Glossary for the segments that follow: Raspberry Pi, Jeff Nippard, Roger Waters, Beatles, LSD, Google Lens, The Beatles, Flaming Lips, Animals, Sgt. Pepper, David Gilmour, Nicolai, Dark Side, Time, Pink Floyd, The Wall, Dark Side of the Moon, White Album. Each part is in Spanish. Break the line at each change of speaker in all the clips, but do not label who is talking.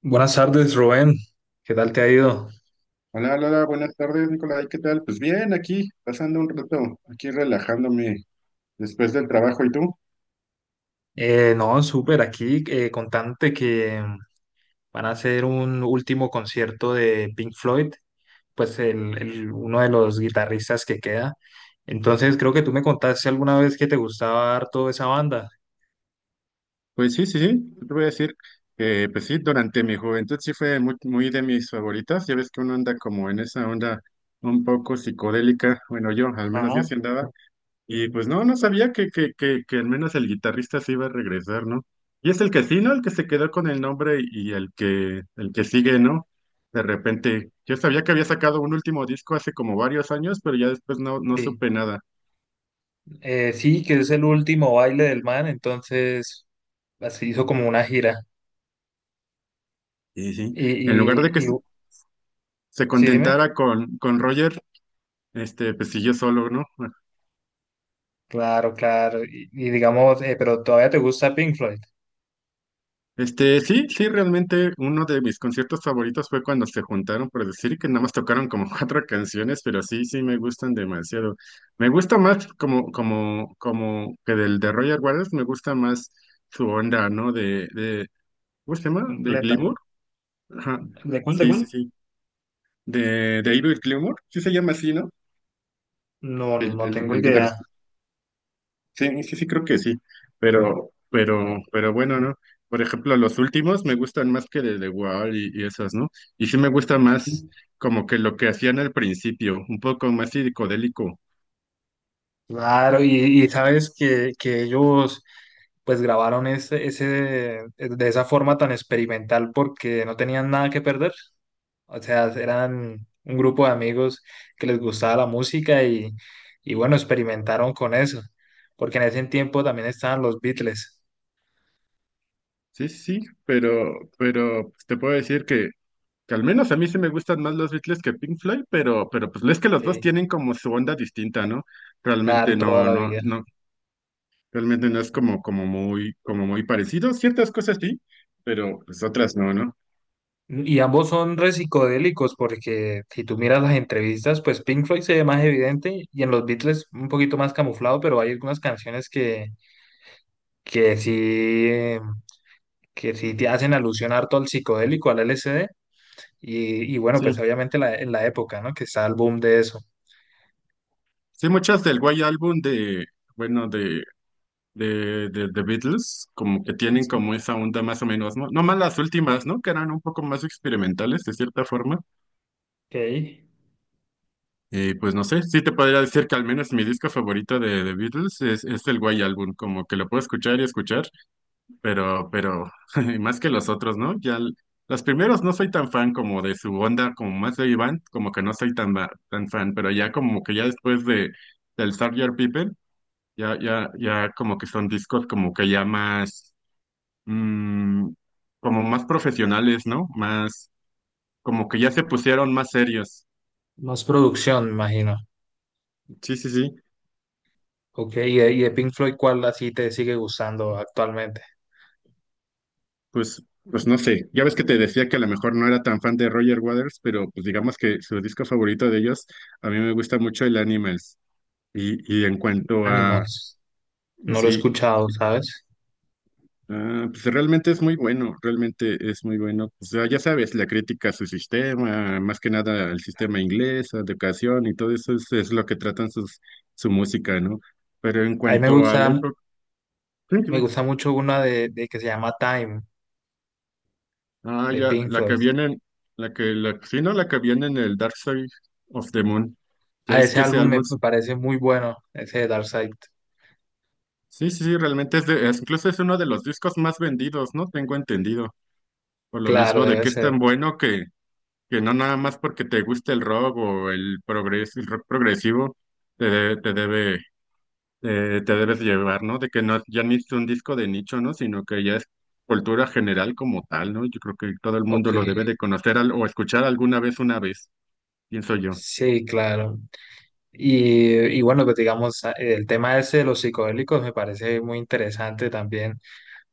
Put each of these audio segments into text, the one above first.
Buenas tardes, Rubén. ¿Qué tal te ha ido?
Hola, hola, buenas tardes, Nicolai, ¿qué tal? Pues bien, aquí, pasando un rato, aquí relajándome después del trabajo, ¿y tú?
No, Súper. Aquí contante que van a hacer un último concierto de Pink Floyd, pues uno de los guitarristas que queda. Entonces, creo que tú me contaste alguna vez que te gustaba harto esa banda.
Pues sí, sí, sí, yo te voy a decir que, pues sí, durante mi juventud sí fue muy, muy de mis favoritas, ya ves que uno anda como en esa onda un poco psicodélica, bueno, yo, al menos yo
Ajá.
sí andaba. Y pues no sabía que al menos el guitarrista se iba a regresar, ¿no? Y es el que sí, ¿no? El que se quedó con el nombre y el que sigue, ¿no? De repente, yo sabía que había sacado un último disco hace como varios años, pero ya después no
Sí.
supe nada.
Sí, que es el último baile del man. Entonces, así hizo como una gira.
Sí, sí, en lugar de que
Y, y, y
se
sí, dime.
contentara con Roger, pues siguió solo, ¿no?
Claro, claro. Y digamos, pero todavía te gusta Pink Floyd.
Sí, sí, realmente uno de mis conciertos favoritos fue cuando se juntaron, por decir que nada más tocaron como cuatro canciones, pero sí, sí me gustan demasiado. Me gusta más como que del de Roger Waters, me gusta más su onda, ¿no? ¿Cómo se llama? De
Completa.
Gilmour. Ajá.
¿De cuál, de
Sí, sí,
cuál?
sí. De David Gilmour, sí se llama así, ¿no?
No, no,
El,
no
el,
tengo
el
idea.
guitarrista. Sí, sí, sí, creo que sí, pero bueno, ¿no? Por ejemplo, los últimos me gustan más que de The Wall y esas, ¿no? Y sí me gusta más como que lo que hacían al principio, un poco más psicodélico.
Claro, y sabes que ellos pues grabaron ese, de esa forma tan experimental porque no tenían nada que perder. O sea, eran un grupo de amigos que les gustaba la música y bueno, experimentaron con eso. Porque en ese tiempo también estaban los Beatles.
Sí, sí, sí, pero pues, te puedo decir que al menos a mí sí me gustan más los Beatles que Pink Floyd, pero pues es que los dos
Sí.
tienen como su onda distinta, ¿no?
Claro,
Realmente
toda
no,
la
no,
vida.
no, realmente no es como, como muy parecido. Ciertas cosas sí, pero pues otras no, ¿no?
Y ambos son re psicodélicos porque si tú miras las entrevistas, pues Pink Floyd se ve más evidente y en los Beatles un poquito más camuflado, pero hay algunas canciones que sí, eh, que sí te hacen alusión harto al psicodélico, al LSD. Y bueno, pues
Sí.
obviamente la, en la época, ¿no? Que está el boom de eso.
Sí, muchas del White Album bueno, de The Beatles, como que tienen
Sí.
como esa onda más o menos, ¿no? No más las últimas, ¿no? Que eran un poco más experimentales, de cierta forma.
Ok.
Pues no sé, sí te podría decir que al menos mi disco favorito de The Beatles es el White Album, como que lo puedo escuchar y escuchar, pero más que los otros, ¿no? Los primeros no soy tan fan como de su onda, como más de Iván, como que no soy tan, tan fan, pero ya como que ya después de del Sgt. Pepper. Ya, ya, ya como que son discos como que ya más, mm, como más profesionales, ¿no? Más, como que ya se pusieron más serios.
Más producción, me imagino.
Sí, sí, sí.
Ok, y de Pink Floyd, ¿cuál así te sigue gustando actualmente?
Pues no sé. Ya ves que te decía que a lo mejor no era tan fan de Roger Waters, pero pues digamos que su disco favorito de ellos, a mí me gusta mucho el Animals. Y en cuanto a,
Animals. No lo he
sí.
escuchado, ¿sabes?
Ah, pues realmente es muy bueno, realmente es muy bueno. O sea, ya sabes, la crítica a su sistema, más que nada al sistema inglés, a educación y todo eso es lo que tratan su música, ¿no? Pero en
A mí me
cuanto a
gusta
la época, sí,
Me
dime.
gusta mucho una de que se llama Time,
Ah,
de
ya,
Pink
la
Floyd.
que viene, sí, no, la que viene en el Dark Side of the Moon. Ya
A
ves
ese
que ese
álbum
álbum,
me
sí,
parece muy bueno, ese de Dark Side.
sí, sí, realmente incluso es uno de los discos más vendidos, ¿no? Tengo entendido. Por lo
Claro,
mismo de
debe
que es tan
ser.
bueno que no nada más porque te guste el rock o el progres, el rock progresivo, te, de- te debe, te debes llevar, ¿no? De que no, ya ni es un disco de nicho, ¿no? Sino que ya es cultura general como tal, ¿no? Yo creo que todo el mundo
Ok,
lo debe de conocer o escuchar alguna vez, una vez, pienso yo.
sí, claro. Y bueno, pues digamos, el tema ese de los psicodélicos me parece muy interesante también,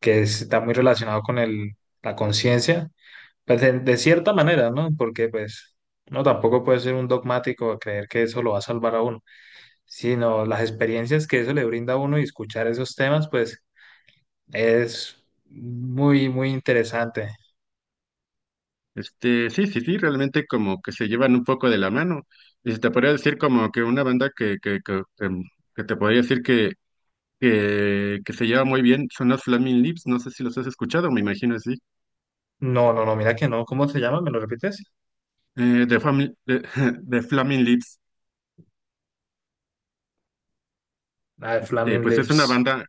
que está muy relacionado con el, la conciencia, pues de cierta manera, ¿no? Porque pues no tampoco puede ser un dogmático a creer que eso lo va a salvar a uno, sino las experiencias que eso le brinda a uno y escuchar esos temas, pues es muy, muy interesante.
Sí, sí, sí, realmente como que se llevan un poco de la mano. Y se te podría decir como que una banda que te podría decir que se lleva muy bien son los Flaming Lips, no sé si los has escuchado, me imagino, sí.
No, no, no, mira que no. ¿Cómo se llama? ¿Me lo repites?
Eh, de, Fami- de, de Flaming Lips,
Ah, Flaming
pues es una
Lips.
banda,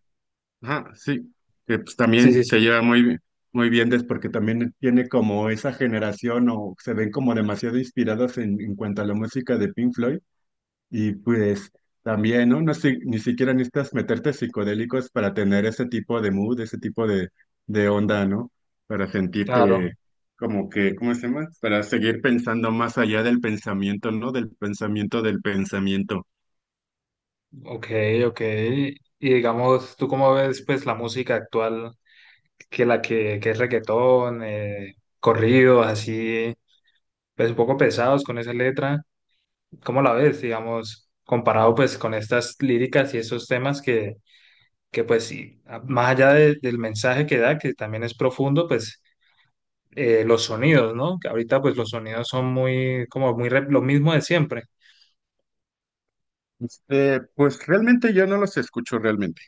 ajá, sí, que pues
Sí,
también
sí, sí.
se lleva muy, muy bien, porque también tiene como esa generación o se ven como demasiado inspiradas en cuanto a la música de Pink Floyd y pues también, ¿no? Ni siquiera necesitas meterte psicodélicos para tener ese tipo de mood, ese tipo de onda, ¿no? Para sentirte
Claro.
como que, ¿cómo se llama? Para seguir pensando más allá del pensamiento, ¿no? Del pensamiento del pensamiento.
Ok, ok. Y digamos, ¿tú cómo ves pues la música actual que es reggaetón, corridos así, pues un poco pesados con esa letra? ¿Cómo la ves, digamos, comparado pues con estas líricas y esos temas que pues sí, más allá del mensaje que da, que también es profundo, pues los sonidos, ¿no? Que ahorita pues los sonidos son muy, como muy lo mismo de siempre.
Pues realmente yo no los escucho realmente.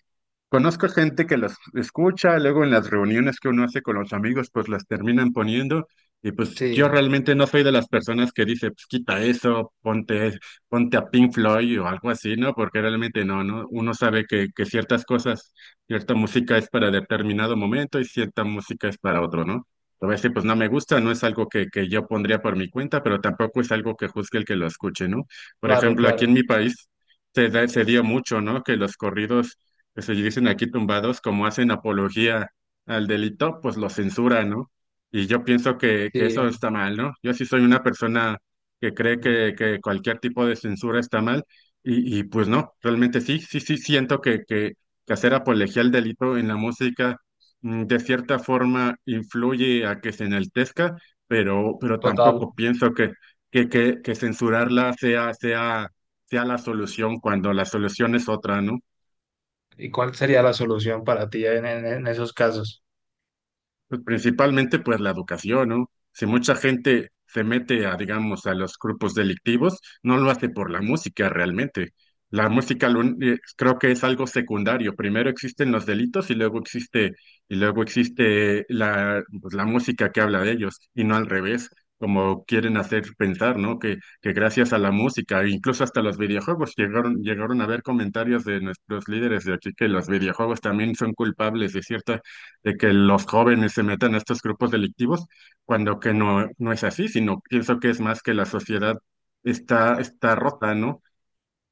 Conozco gente que las escucha, luego en las reuniones que uno hace con los amigos, pues las terminan poniendo. Y pues yo
Sí,
realmente no soy de las personas que dice, pues quita eso, ponte a Pink Floyd o algo así, ¿no? Porque realmente no, ¿no? Uno sabe que ciertas cosas, cierta música es para determinado momento y cierta música es para otro, ¿no? A veces pues no me gusta, no es algo que yo pondría por mi cuenta, pero tampoco es algo que juzgue el que lo escuche, ¿no? Por
claro,
ejemplo, aquí en
claro.
mi país se dio mucho, ¿no? Que los corridos que se dicen aquí tumbados, como hacen apología al delito, pues lo censuran, ¿no? Y yo pienso que
Sí,
eso está mal, ¿no? Yo sí soy una persona que cree que cualquier tipo de censura está mal y pues no, realmente sí, sí, sí siento que hacer apología al delito en la música de cierta forma influye a que se enaltezca, pero
total.
tampoco pienso que censurarla sea la solución cuando la solución es otra, ¿no?
¿Y cuál sería la solución para ti en, en esos casos?
Pues principalmente pues la educación, ¿no? Si mucha gente se mete a, digamos, a los grupos delictivos, no lo hace por la música realmente. La música creo que es algo secundario. Primero existen los delitos y y luego existe la, pues, la música que habla de ellos, y no al revés, como quieren hacer pensar, ¿no? Que gracias a la música, e incluso hasta los videojuegos, llegaron a ver comentarios de nuestros líderes de aquí que los videojuegos también son culpables de ciertas de que los jóvenes se metan a estos grupos delictivos, cuando que no es así, sino pienso que es más que la sociedad está rota, ¿no?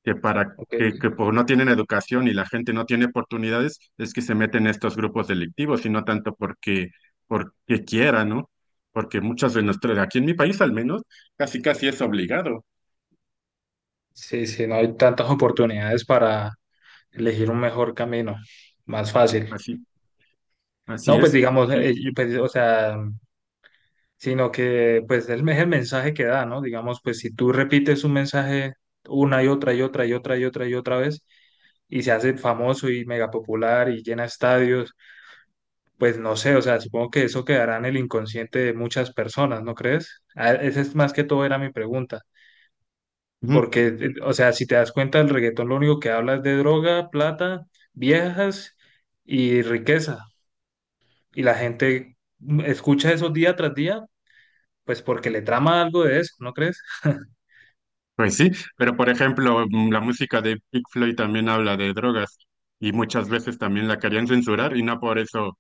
Que para
Ok.
que, que por no tienen educación y la gente no tiene oportunidades, es que se meten a estos grupos delictivos, y no tanto porque quiera, ¿no? Porque muchas de nuestras, aquí en mi país al menos, casi casi es obligado.
Sí, sí, no hay tantas oportunidades para elegir un mejor camino, más fácil.
Así,
No,
así
pues
es.
digamos,
Y,
yo, pues, o sea, sino que pues el, es el mensaje que da, ¿no? Digamos, pues si tú repites un mensaje una y otra y otra y otra y otra y otra vez y se hace famoso y mega popular y llena estadios, pues no sé, o sea, supongo que eso quedará en el inconsciente de muchas personas, ¿no crees? Esa es más que todo era mi pregunta,
Ujú.
porque, o sea, si te das cuenta, el reggaetón lo único que habla es de droga, plata, viejas y riqueza, y la gente escucha eso día tras día, pues porque le trama algo de eso, ¿no crees?
Pues sí, pero por ejemplo, la música de Pink Floyd también habla de drogas y muchas veces también la querían censurar y no por eso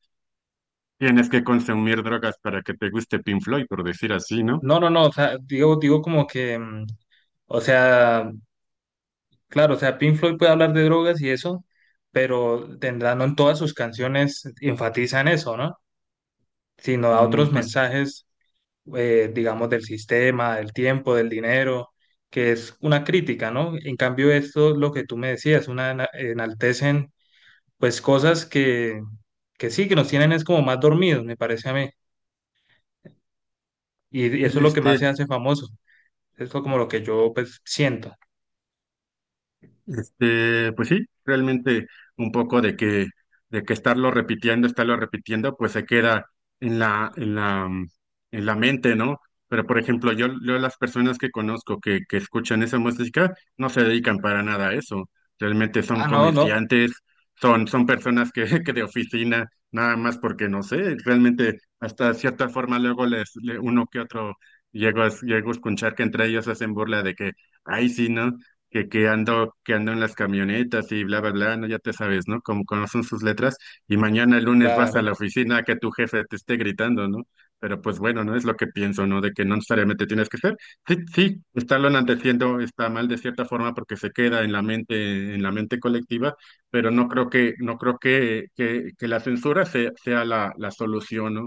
tienes que consumir drogas para que te guste Pink Floyd, por decir así, ¿no?
No, no, no, o sea, digo como que, o sea, claro, o sea, Pink Floyd puede hablar de drogas y eso, pero tendrá, no en todas sus canciones enfatizan eso, ¿no? Sino da
Mm,
otros
Pues
mensajes, digamos, del sistema, del tiempo, del dinero, que es una crítica, ¿no? En cambio, esto, lo que tú me decías, una enaltecen, pues, cosas que sí, que nos tienen es como más dormidos, me parece a mí, y eso es lo que más
este,
se hace famoso, eso es como lo que yo, pues, siento.
pues sí, realmente un poco de que estarlo repitiendo, pues se queda en la, en la, mm, en la mente, ¿no? Pero por ejemplo, yo las personas que conozco que escuchan esa música no se dedican para nada a eso. Realmente son
Ah, no, no.
comerciantes, son personas que, que de oficina, nada más porque no sé, realmente hasta cierta forma luego uno que otro llego a escuchar que entre ellos hacen burla de que, ay, sí, ¿no? Que ando en las camionetas y bla, bla, bla, no, ya te sabes, ¿no? Como conocen sus letras, y mañana el lunes vas a
Claro.
la oficina a que tu jefe te esté gritando, ¿no? Pero pues bueno, no es lo que pienso, ¿no? De que no necesariamente tienes que ser. Sí, sí, estarlo enalteciendo está mal de cierta forma porque se queda en la mente colectiva, pero no creo que la censura sea la solución, ¿no?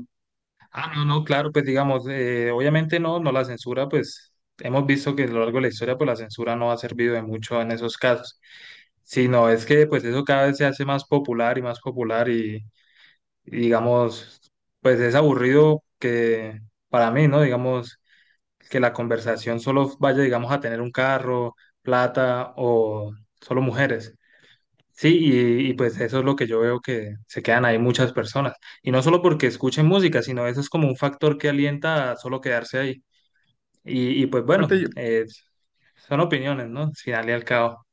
Ah, no, no, claro, pues digamos, obviamente no, no la censura, pues hemos visto que a lo largo de la historia, pues la censura no ha servido de mucho en esos casos, sino es que pues eso cada vez se hace más popular y más popular y digamos, pues es aburrido que para mí, ¿no? Digamos, que la conversación solo vaya, digamos, a tener un carro, plata o solo mujeres. Sí, y pues eso es lo que yo veo que se quedan ahí muchas personas. Y no solo porque escuchen música, sino eso es como un factor que alienta a solo quedarse ahí. Y pues bueno,
aparte
eh, son opiniones, ¿no? Al final y al cabo.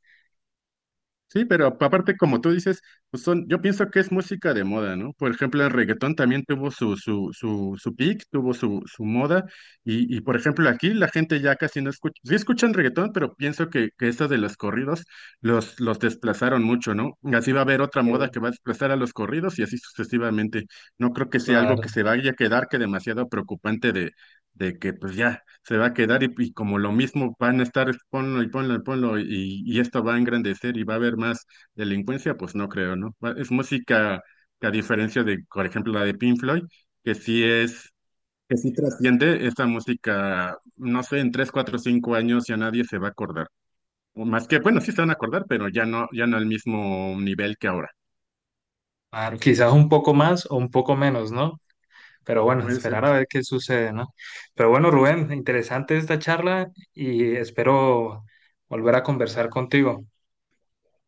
Sí, pero aparte, como tú dices, pues son, yo pienso que es música de moda, ¿no? Por ejemplo, el reggaetón también tuvo su peak, tuvo su moda, y por ejemplo, aquí la gente ya casi no escucha, sí escuchan reggaetón, pero pienso que estas de los corridos los desplazaron mucho, ¿no? Así va a haber otra moda
Sí,
que va a desplazar a los corridos y así sucesivamente. No creo que sea algo que
claro.
se vaya a quedar que demasiado preocupante de que pues ya se va a quedar y como lo mismo van a estar ponlo y ponlo y ponlo y esto va a engrandecer y va a haber más delincuencia, pues no creo, ¿no? Es música que a diferencia de, por ejemplo, la de Pink Floyd, que sí es, que sí trasciende esta música, no sé, en 3, 4, 5 años ya nadie se va a acordar. O más que, bueno, sí se van a acordar, pero ya no, ya no al mismo nivel que ahora.
Claro, quizás un poco más o un poco menos, ¿no? Pero bueno,
Puede ser.
esperar a ver qué sucede, ¿no? Pero bueno, Rubén, interesante esta charla y espero volver a conversar contigo.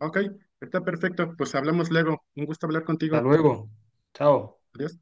Ok, está perfecto. Pues hablamos luego. Un gusto hablar
Hasta
contigo.
luego. Chao.
Adiós.